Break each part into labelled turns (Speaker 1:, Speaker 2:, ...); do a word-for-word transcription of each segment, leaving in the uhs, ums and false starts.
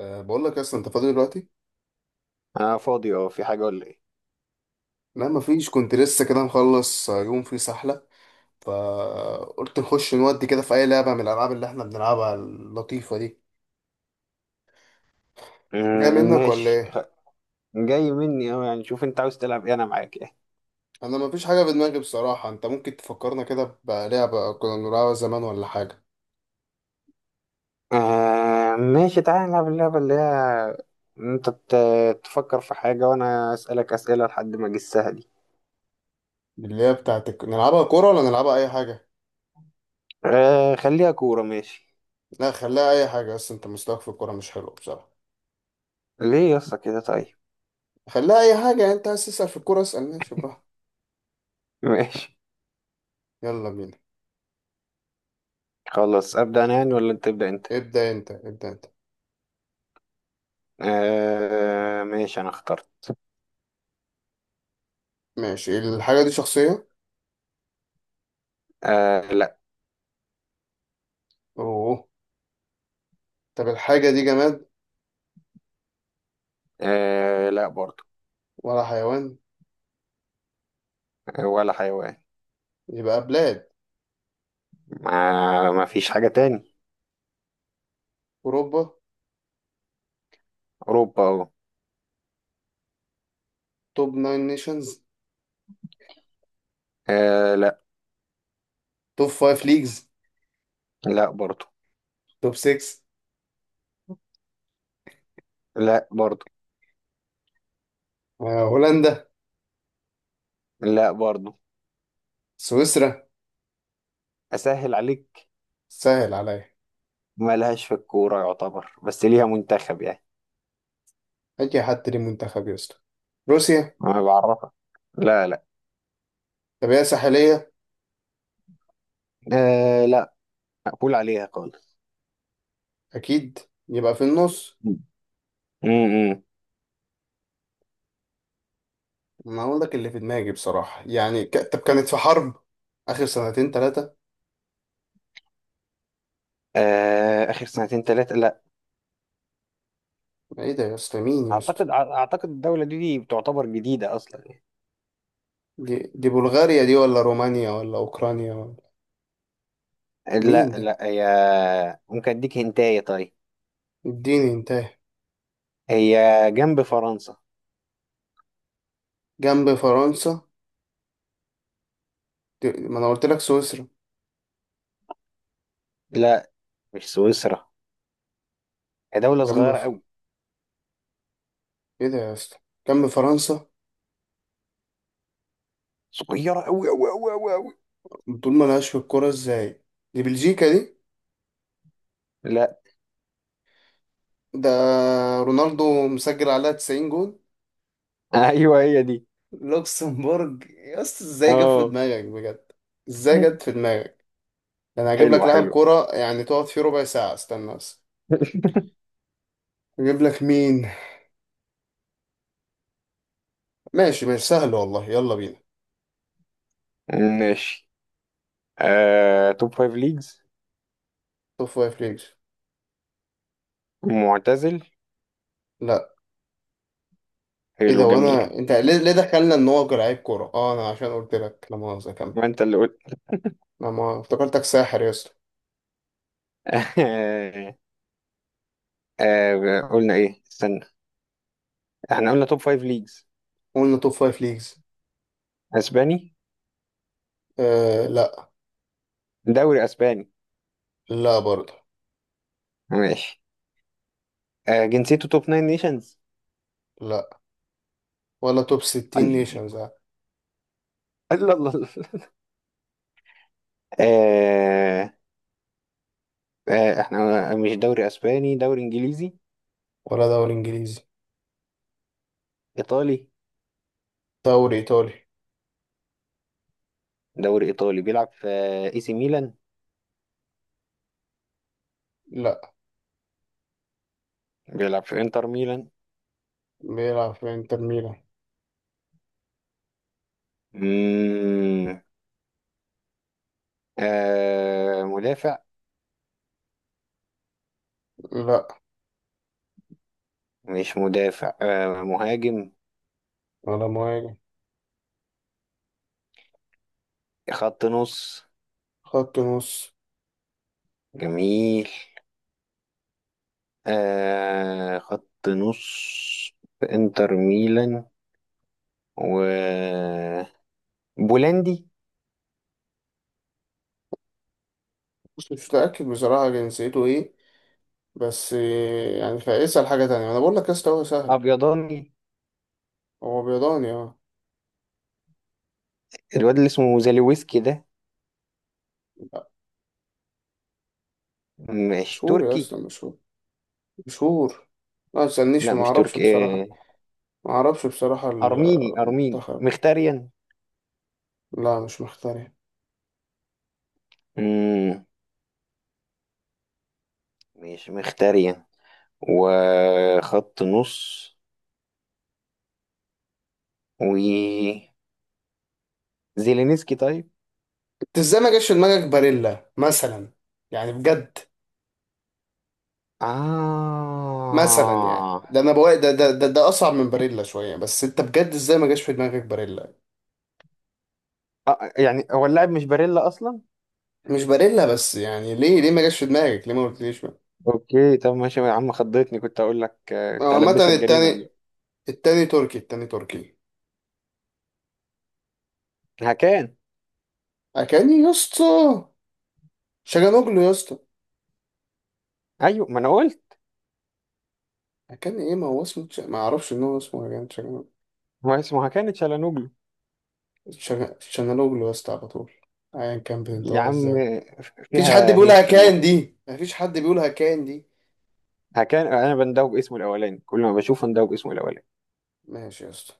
Speaker 1: أه بقول لك اصلا انت فاضي دلوقتي.
Speaker 2: انا فاضي، اه في حاجه ولا ايه؟
Speaker 1: لا، مفيش. كنت لسه كده مخلص آه، يوم فيه سحله. فقلت نخش نودي كده في اي لعبه من الالعاب اللي احنا بنلعبها اللطيفه دي. جاي
Speaker 2: آه،
Speaker 1: منك ولا
Speaker 2: ماشي.
Speaker 1: ايه؟
Speaker 2: جاي مني، اه يعني شوف انت عاوز تلعب ايه، انا معاك يعني.
Speaker 1: انا مفيش حاجه في دماغي بصراحه. انت ممكن تفكرنا كده بلعبه كنا بنلعبها زمان ولا حاجه؟
Speaker 2: آه، ماشي، تعالى نلعب اللعبه اللي هي، انت بت- تفكر في حاجه وانا اسالك اسئله لحد ما اجسها دي.
Speaker 1: اللي هي بتاعت الك- نلعبها كوره ولا نلعبها اي حاجه؟
Speaker 2: آه، خليها كوره، ماشي.
Speaker 1: لا، خليها اي حاجه. بس انت مستواك في الكوره مش حلو بصراحه.
Speaker 2: ليه يا اسطى كده؟ طيب،
Speaker 1: خليها اي حاجه، يعني انت عايز تسال في الكوره اسال، ماشي براحتك.
Speaker 2: ماشي.
Speaker 1: يلا بينا.
Speaker 2: خلاص، ابدا انا يعني ولا انت تبدا انت؟
Speaker 1: ابدا انت، ابدا انت.
Speaker 2: آه، ماشي، انا اخترت.
Speaker 1: ماشي. الحاجه دي شخصيه؟
Speaker 2: آه، لا.
Speaker 1: اوه. طب الحاجة دي جماد؟
Speaker 2: آه، لا برضو.
Speaker 1: ولا حيوان؟
Speaker 2: آه، ولا حيوان.
Speaker 1: يبقى بلاد.
Speaker 2: ما ما فيش حاجه تاني.
Speaker 1: أوروبا؟
Speaker 2: اوروبا اهو.
Speaker 1: توب ناين نيشنز؟
Speaker 2: آه، لا.
Speaker 1: توب فايف ليجز؟
Speaker 2: لا برضو.
Speaker 1: توب سكس؟
Speaker 2: لا برضو.
Speaker 1: آه، هولندا؟
Speaker 2: لا برضو.
Speaker 1: سويسرا؟
Speaker 2: اسهل عليك.
Speaker 1: سهل عليا.
Speaker 2: ما لهاش في الكوره يعتبر، بس ليها منتخب يعني.
Speaker 1: أي حد ليه منتخب يا اسطى. روسيا؟
Speaker 2: ما بعرفها. لا، لا.
Speaker 1: طب هي ساحلية؟
Speaker 2: آه، لا. مقبول عليها خالص.
Speaker 1: أكيد. يبقى في النص.
Speaker 2: امم.
Speaker 1: ما أقول لك اللي في دماغي بصراحة يعني ك... طب كانت في حرب آخر سنتين تلاتة؟
Speaker 2: آه، اخر سنتين ثلاثه، لا.
Speaker 1: إيه ده يا اسطى؟ مين يا اسطى؟
Speaker 2: اعتقد اعتقد الدوله دي, دي بتعتبر جديده اصلا يعني.
Speaker 1: دي... دي بلغاريا دي ولا رومانيا ولا أوكرانيا ولا؟ مين
Speaker 2: لا،
Speaker 1: ده؟
Speaker 2: لا، هي. ممكن اديك هنتايه؟ طيب.
Speaker 1: اديني انتهى.
Speaker 2: هي جنب فرنسا.
Speaker 1: جنب فرنسا؟ ما انا قلت لك سويسرا.
Speaker 2: لا، مش سويسرا. هي دوله
Speaker 1: جنب
Speaker 2: صغيره
Speaker 1: ف...
Speaker 2: قوي،
Speaker 1: ايه ده يا اسطى؟ جنب فرنسا.
Speaker 2: صغيره قوي قوي قوي قوي قوي.
Speaker 1: طول ما لهاش في الكوره ازاي. دي بلجيكا دي؟
Speaker 2: لا.
Speaker 1: ده رونالدو مسجل عليها تسعين جول.
Speaker 2: ايوه، هي دي.
Speaker 1: لوكسمبورج يا اسطى، ازاي جت في
Speaker 2: اه.
Speaker 1: دماغك بجد؟ ازاي جت في دماغك؟ ده انا هجيب لك
Speaker 2: حلوه
Speaker 1: لاعب
Speaker 2: حلوه.
Speaker 1: كوره يعني تقعد فيه ربع ساعه، استنى بس. اجيب لك مين؟ ماشي ماشي، سهل والله، يلا بينا.
Speaker 2: ماشي. آه، توب فايف ليجز.
Speaker 1: توب فايف ليجز.
Speaker 2: معتزل؟
Speaker 1: لا. ايه
Speaker 2: حلو،
Speaker 1: ده؟
Speaker 2: جميل.
Speaker 1: وانا انت ليه ليه دخلنا ان هو لعيب كوره؟ اه انا عشان قلت لك، لا مؤاخذه، كمل.
Speaker 2: ما انت اللي قلت.
Speaker 1: انا ما افتكرتك ساحر يا اسطى.
Speaker 2: آه. آه، قلنا ايه؟ استنى، احنا قلنا توب فايف ليجز.
Speaker 1: قلنا توب فايف ليجز.
Speaker 2: اسباني؟
Speaker 1: آه، لا.
Speaker 2: دوري اسباني؟
Speaker 1: لا برضه.
Speaker 2: ماشي. آه، جنسيته توب ناين نيشنز؟
Speaker 1: لا، ولا توب ستين
Speaker 2: الله،
Speaker 1: نيشنز.
Speaker 2: الله، الله، الله. آه. آه، احنا مش دوري اسباني، دوري انجليزي؟
Speaker 1: ولا دوري انجليزي.
Speaker 2: ايطالي؟
Speaker 1: دوري ايطالي؟
Speaker 2: دوري ايطالي، بيلعب في آه، اي سي ميلان؟
Speaker 1: لا،
Speaker 2: بيلعب في انتر ميلان؟
Speaker 1: بيلعب في انتر ميلان؟
Speaker 2: مم. آه، مدافع؟
Speaker 1: لا.
Speaker 2: مش مدافع، آه مهاجم؟
Speaker 1: ولا مهاجم؟
Speaker 2: خط نص؟
Speaker 1: خط نص؟
Speaker 2: جميل. آه، خط نص، في انتر ميلان، و بولندي؟
Speaker 1: بص، مش متأكد بصراحة جنسيته ايه. بس آه، يعني فاسأل حاجة تانية، انا بقول لك يا اسطى هو سهل.
Speaker 2: ابيضاني؟
Speaker 1: هو بيضاني، اه.
Speaker 2: الواد اللي اسمه زاليويسكي ده؟
Speaker 1: لا.
Speaker 2: مش
Speaker 1: مشهور يا
Speaker 2: تركي؟
Speaker 1: اسطى، مشهور، مشهور. ما تسألنيش،
Speaker 2: لا،
Speaker 1: ما
Speaker 2: مش
Speaker 1: اعرفش
Speaker 2: تركي.
Speaker 1: بصراحة.
Speaker 2: آه.
Speaker 1: ما اعرفش بصراحة
Speaker 2: ارميني ارميني
Speaker 1: المنتخب.
Speaker 2: مختاريان؟
Speaker 1: لا، مش مختار.
Speaker 2: مم. مش مختاريان، وخط نص، و زيلينسكي؟ طيب.
Speaker 1: انت ازاي ما جاش في دماغك باريلا مثلا؟ يعني بجد. مثلا يعني
Speaker 2: آه.
Speaker 1: ده انا بقول ده ده ده, ده اصعب من باريلا شويه. بس انت بجد ازاي ما جاش في دماغك باريلا؟
Speaker 2: آه، يعني هو اللاعب مش باريلا اصلا.
Speaker 1: مش باريلا، بس يعني ليه ليه ما جاش في دماغك؟ ليه ما قلتليش بقى؟
Speaker 2: اوكي، طب ماشي يا عم، خضتني، كنت اقول لك آه،
Speaker 1: هو
Speaker 2: كنت
Speaker 1: عامه
Speaker 2: هلبسك جريمه
Speaker 1: التاني.
Speaker 2: دلوقتي.
Speaker 1: التاني تركي، التاني تركي.
Speaker 2: هكان.
Speaker 1: اكاني يا اسطى؟ شجانوجلو يا اسطى؟
Speaker 2: ايوه، ما انا قلت،
Speaker 1: اكاني ايه؟ ما هو اسمه ش- ما اعرفش ان هو اسمه اكاني شجانوجلو.
Speaker 2: هو اسمه هكان تشالانوجلو.
Speaker 1: شجا- شجانوجلو يا اسطى على طول. ايا كان
Speaker 2: يا
Speaker 1: بتنطقها
Speaker 2: عم
Speaker 1: ازاي.
Speaker 2: آه،
Speaker 1: مفيش حد
Speaker 2: فيها هيه
Speaker 1: بيقولها
Speaker 2: في
Speaker 1: كان
Speaker 2: النص.
Speaker 1: دي، مفيش حد بيقولها كان دي.
Speaker 2: هكان، انا بندوب باسمه الاولاني، كل ما بشوفه بندوب باسمه الاولاني.
Speaker 1: ماشي يا اسطى.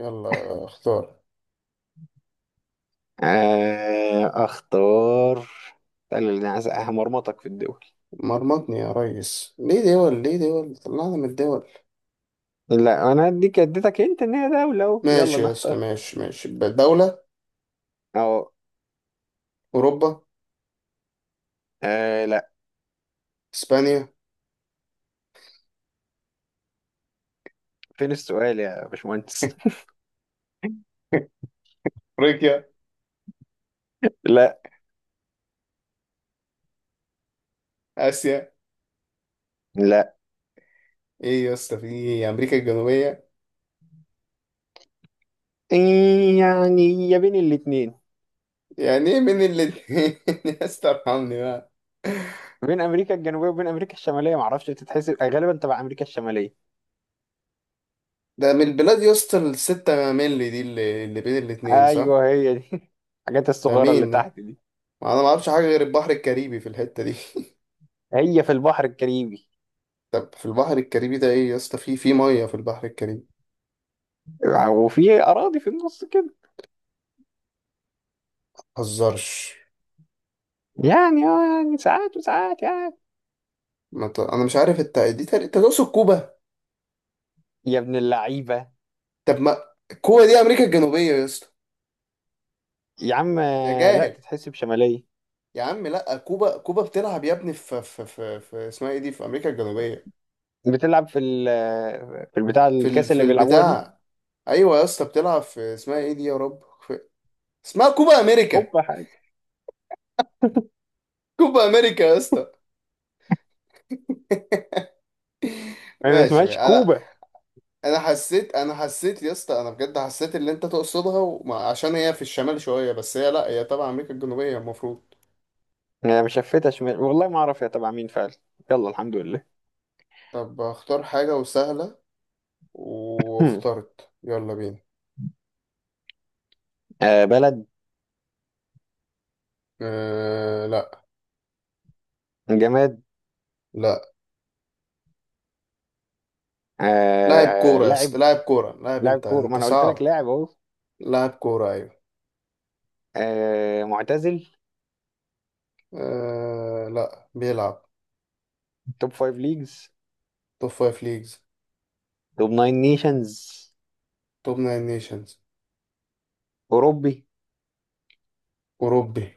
Speaker 1: يلا اختار.
Speaker 2: آه، اختار. قال اللي عايز، همرمطك في الدول.
Speaker 1: مرمطني يا ريس؟ ليه دول؟ ليه دول؟ طلعنا من الدول.
Speaker 2: لا، انا اديك اديتك انت ان هي دوله، اهو يلا
Speaker 1: ماشي يا اسطى،
Speaker 2: نختار.
Speaker 1: ماشي ماشي. دولة؟
Speaker 2: اهو.
Speaker 1: أوروبا؟
Speaker 2: آه، لا.
Speaker 1: إسبانيا؟
Speaker 2: فين السؤال يا باشمهندس؟
Speaker 1: أفريقيا؟
Speaker 2: لا.
Speaker 1: آسيا؟
Speaker 2: لا.
Speaker 1: إيه يا اسطى في إيه؟ أمريكا الجنوبية؟
Speaker 2: إيه يعني؟ يا بين الاتنين.
Speaker 1: يعني إيه من الاتنين؟ يا اسطى ارحمني بقى.
Speaker 2: بين امريكا الجنوبيه وبين امريكا الشماليه، معرفش، بتتحسب غالبا تبع امريكا الشماليه.
Speaker 1: ده من البلاد يا اسطى الستة مللي دي اللي, اللي بين الاتنين صح؟
Speaker 2: ايوه، هي دي. الحاجات
Speaker 1: ده
Speaker 2: الصغيره اللي
Speaker 1: مين ده؟
Speaker 2: تحت دي.
Speaker 1: أنا ما أعرفش حاجة غير البحر الكاريبي في الحتة دي.
Speaker 2: هي في البحر الكاريبي،
Speaker 1: طب في البحر الكاريبي ده إيه يا اسطى؟ في في مية في البحر الكاريبي.
Speaker 2: وفي اراضي في النص كده.
Speaker 1: مهزرش.
Speaker 2: يعني اه يعني ساعات وساعات يعني.
Speaker 1: ما ت... انا مش عارف انت دي تق- انت تقصد كوبا؟
Speaker 2: يا ابن اللعيبه.
Speaker 1: طب ما كوبا دي امريكا الجنوبيه يا اسطى.
Speaker 2: يا عم
Speaker 1: يا
Speaker 2: آه، لا،
Speaker 1: جاهل!
Speaker 2: تتحسب شماليه.
Speaker 1: يا عم لا، كوبا كوبا بتلعب يا ابني في في في, في اسمها ايه دي في امريكا الجنوبيه.
Speaker 2: بتلعب في ال في البتاع
Speaker 1: في ال...
Speaker 2: الكاس
Speaker 1: في
Speaker 2: اللي بيلعبوها دي.
Speaker 1: البتاع. ايوه يا اسطى بتلعب في اسمها ايه دي يا رب في... اسمها كوبا امريكا.
Speaker 2: كوبا حاجه.
Speaker 1: كوبا امريكا يا اسطى.
Speaker 2: هي ما
Speaker 1: ماشي ماشي.
Speaker 2: اسمهاش
Speaker 1: انا
Speaker 2: كوبا.
Speaker 1: انا حسيت، انا حسيت يا اسطى. انا بجد حسيت اللي انت تقصدها وما... عشان هي في الشمال شويه، بس هي، لا، هي تبع امريكا الجنوبيه المفروض.
Speaker 2: انا مشفتها شمال، والله ما اعرف هي تبع مين فعلا. يلا الحمد لله.
Speaker 1: طب اختار حاجه وسهله. واخترت، يلا بينا.
Speaker 2: آه، بلد؟
Speaker 1: أه، لا.
Speaker 2: جماد؟
Speaker 1: لا. لاعب
Speaker 2: آه،
Speaker 1: كورة يا اسطى،
Speaker 2: لاعب؟
Speaker 1: لاعب كورة، لاعب.
Speaker 2: لاعب
Speaker 1: انت
Speaker 2: كورة، ما
Speaker 1: انت
Speaker 2: انا قلت لك
Speaker 1: صعب.
Speaker 2: لاعب اهو.
Speaker 1: لاعب كورة، ايوه.
Speaker 2: آه، معتزل؟
Speaker 1: أه، لا بيلعب.
Speaker 2: توب فايف ليجز؟
Speaker 1: توب فايف ليجز.
Speaker 2: توب ناين نيشنز؟
Speaker 1: توب ناين نيشنز.
Speaker 2: اوروبي؟
Speaker 1: أوروبي.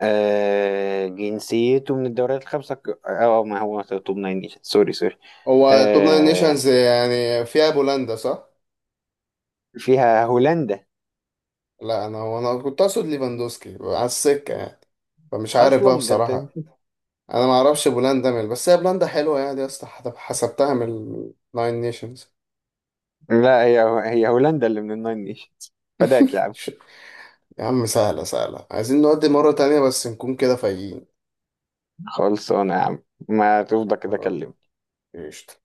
Speaker 2: آه، جنسيته من الدوريات الخمسة الك- اه آه، ما هو توب ناين نيشنز، سوري سوري.
Speaker 1: هو. توب ناين
Speaker 2: آه.
Speaker 1: نيشنز يعني فيها بولندا صح؟
Speaker 2: فيها هولندا.
Speaker 1: لا، انا هو انا كنت اقصد ليفاندوسكي على السكة يعني. فمش عارف بقى
Speaker 2: اصلا ده انت!
Speaker 1: بصراحة. انا ما اعرفش بولندا من، بس هي بولندا حلوة يعني يا اسطى حسب- حسبتها من الناين نيشنز.
Speaker 2: لا، هي هي هولندا اللي من الناين نيشنز. فداك يا عم.
Speaker 1: يا عم سهلة سهلة، عايزين نودي مرة تانية بس نكون كده فايقين.
Speaker 2: خلصانة يا عم، ما تفضى كده كلمني.
Speaker 1: قشطة.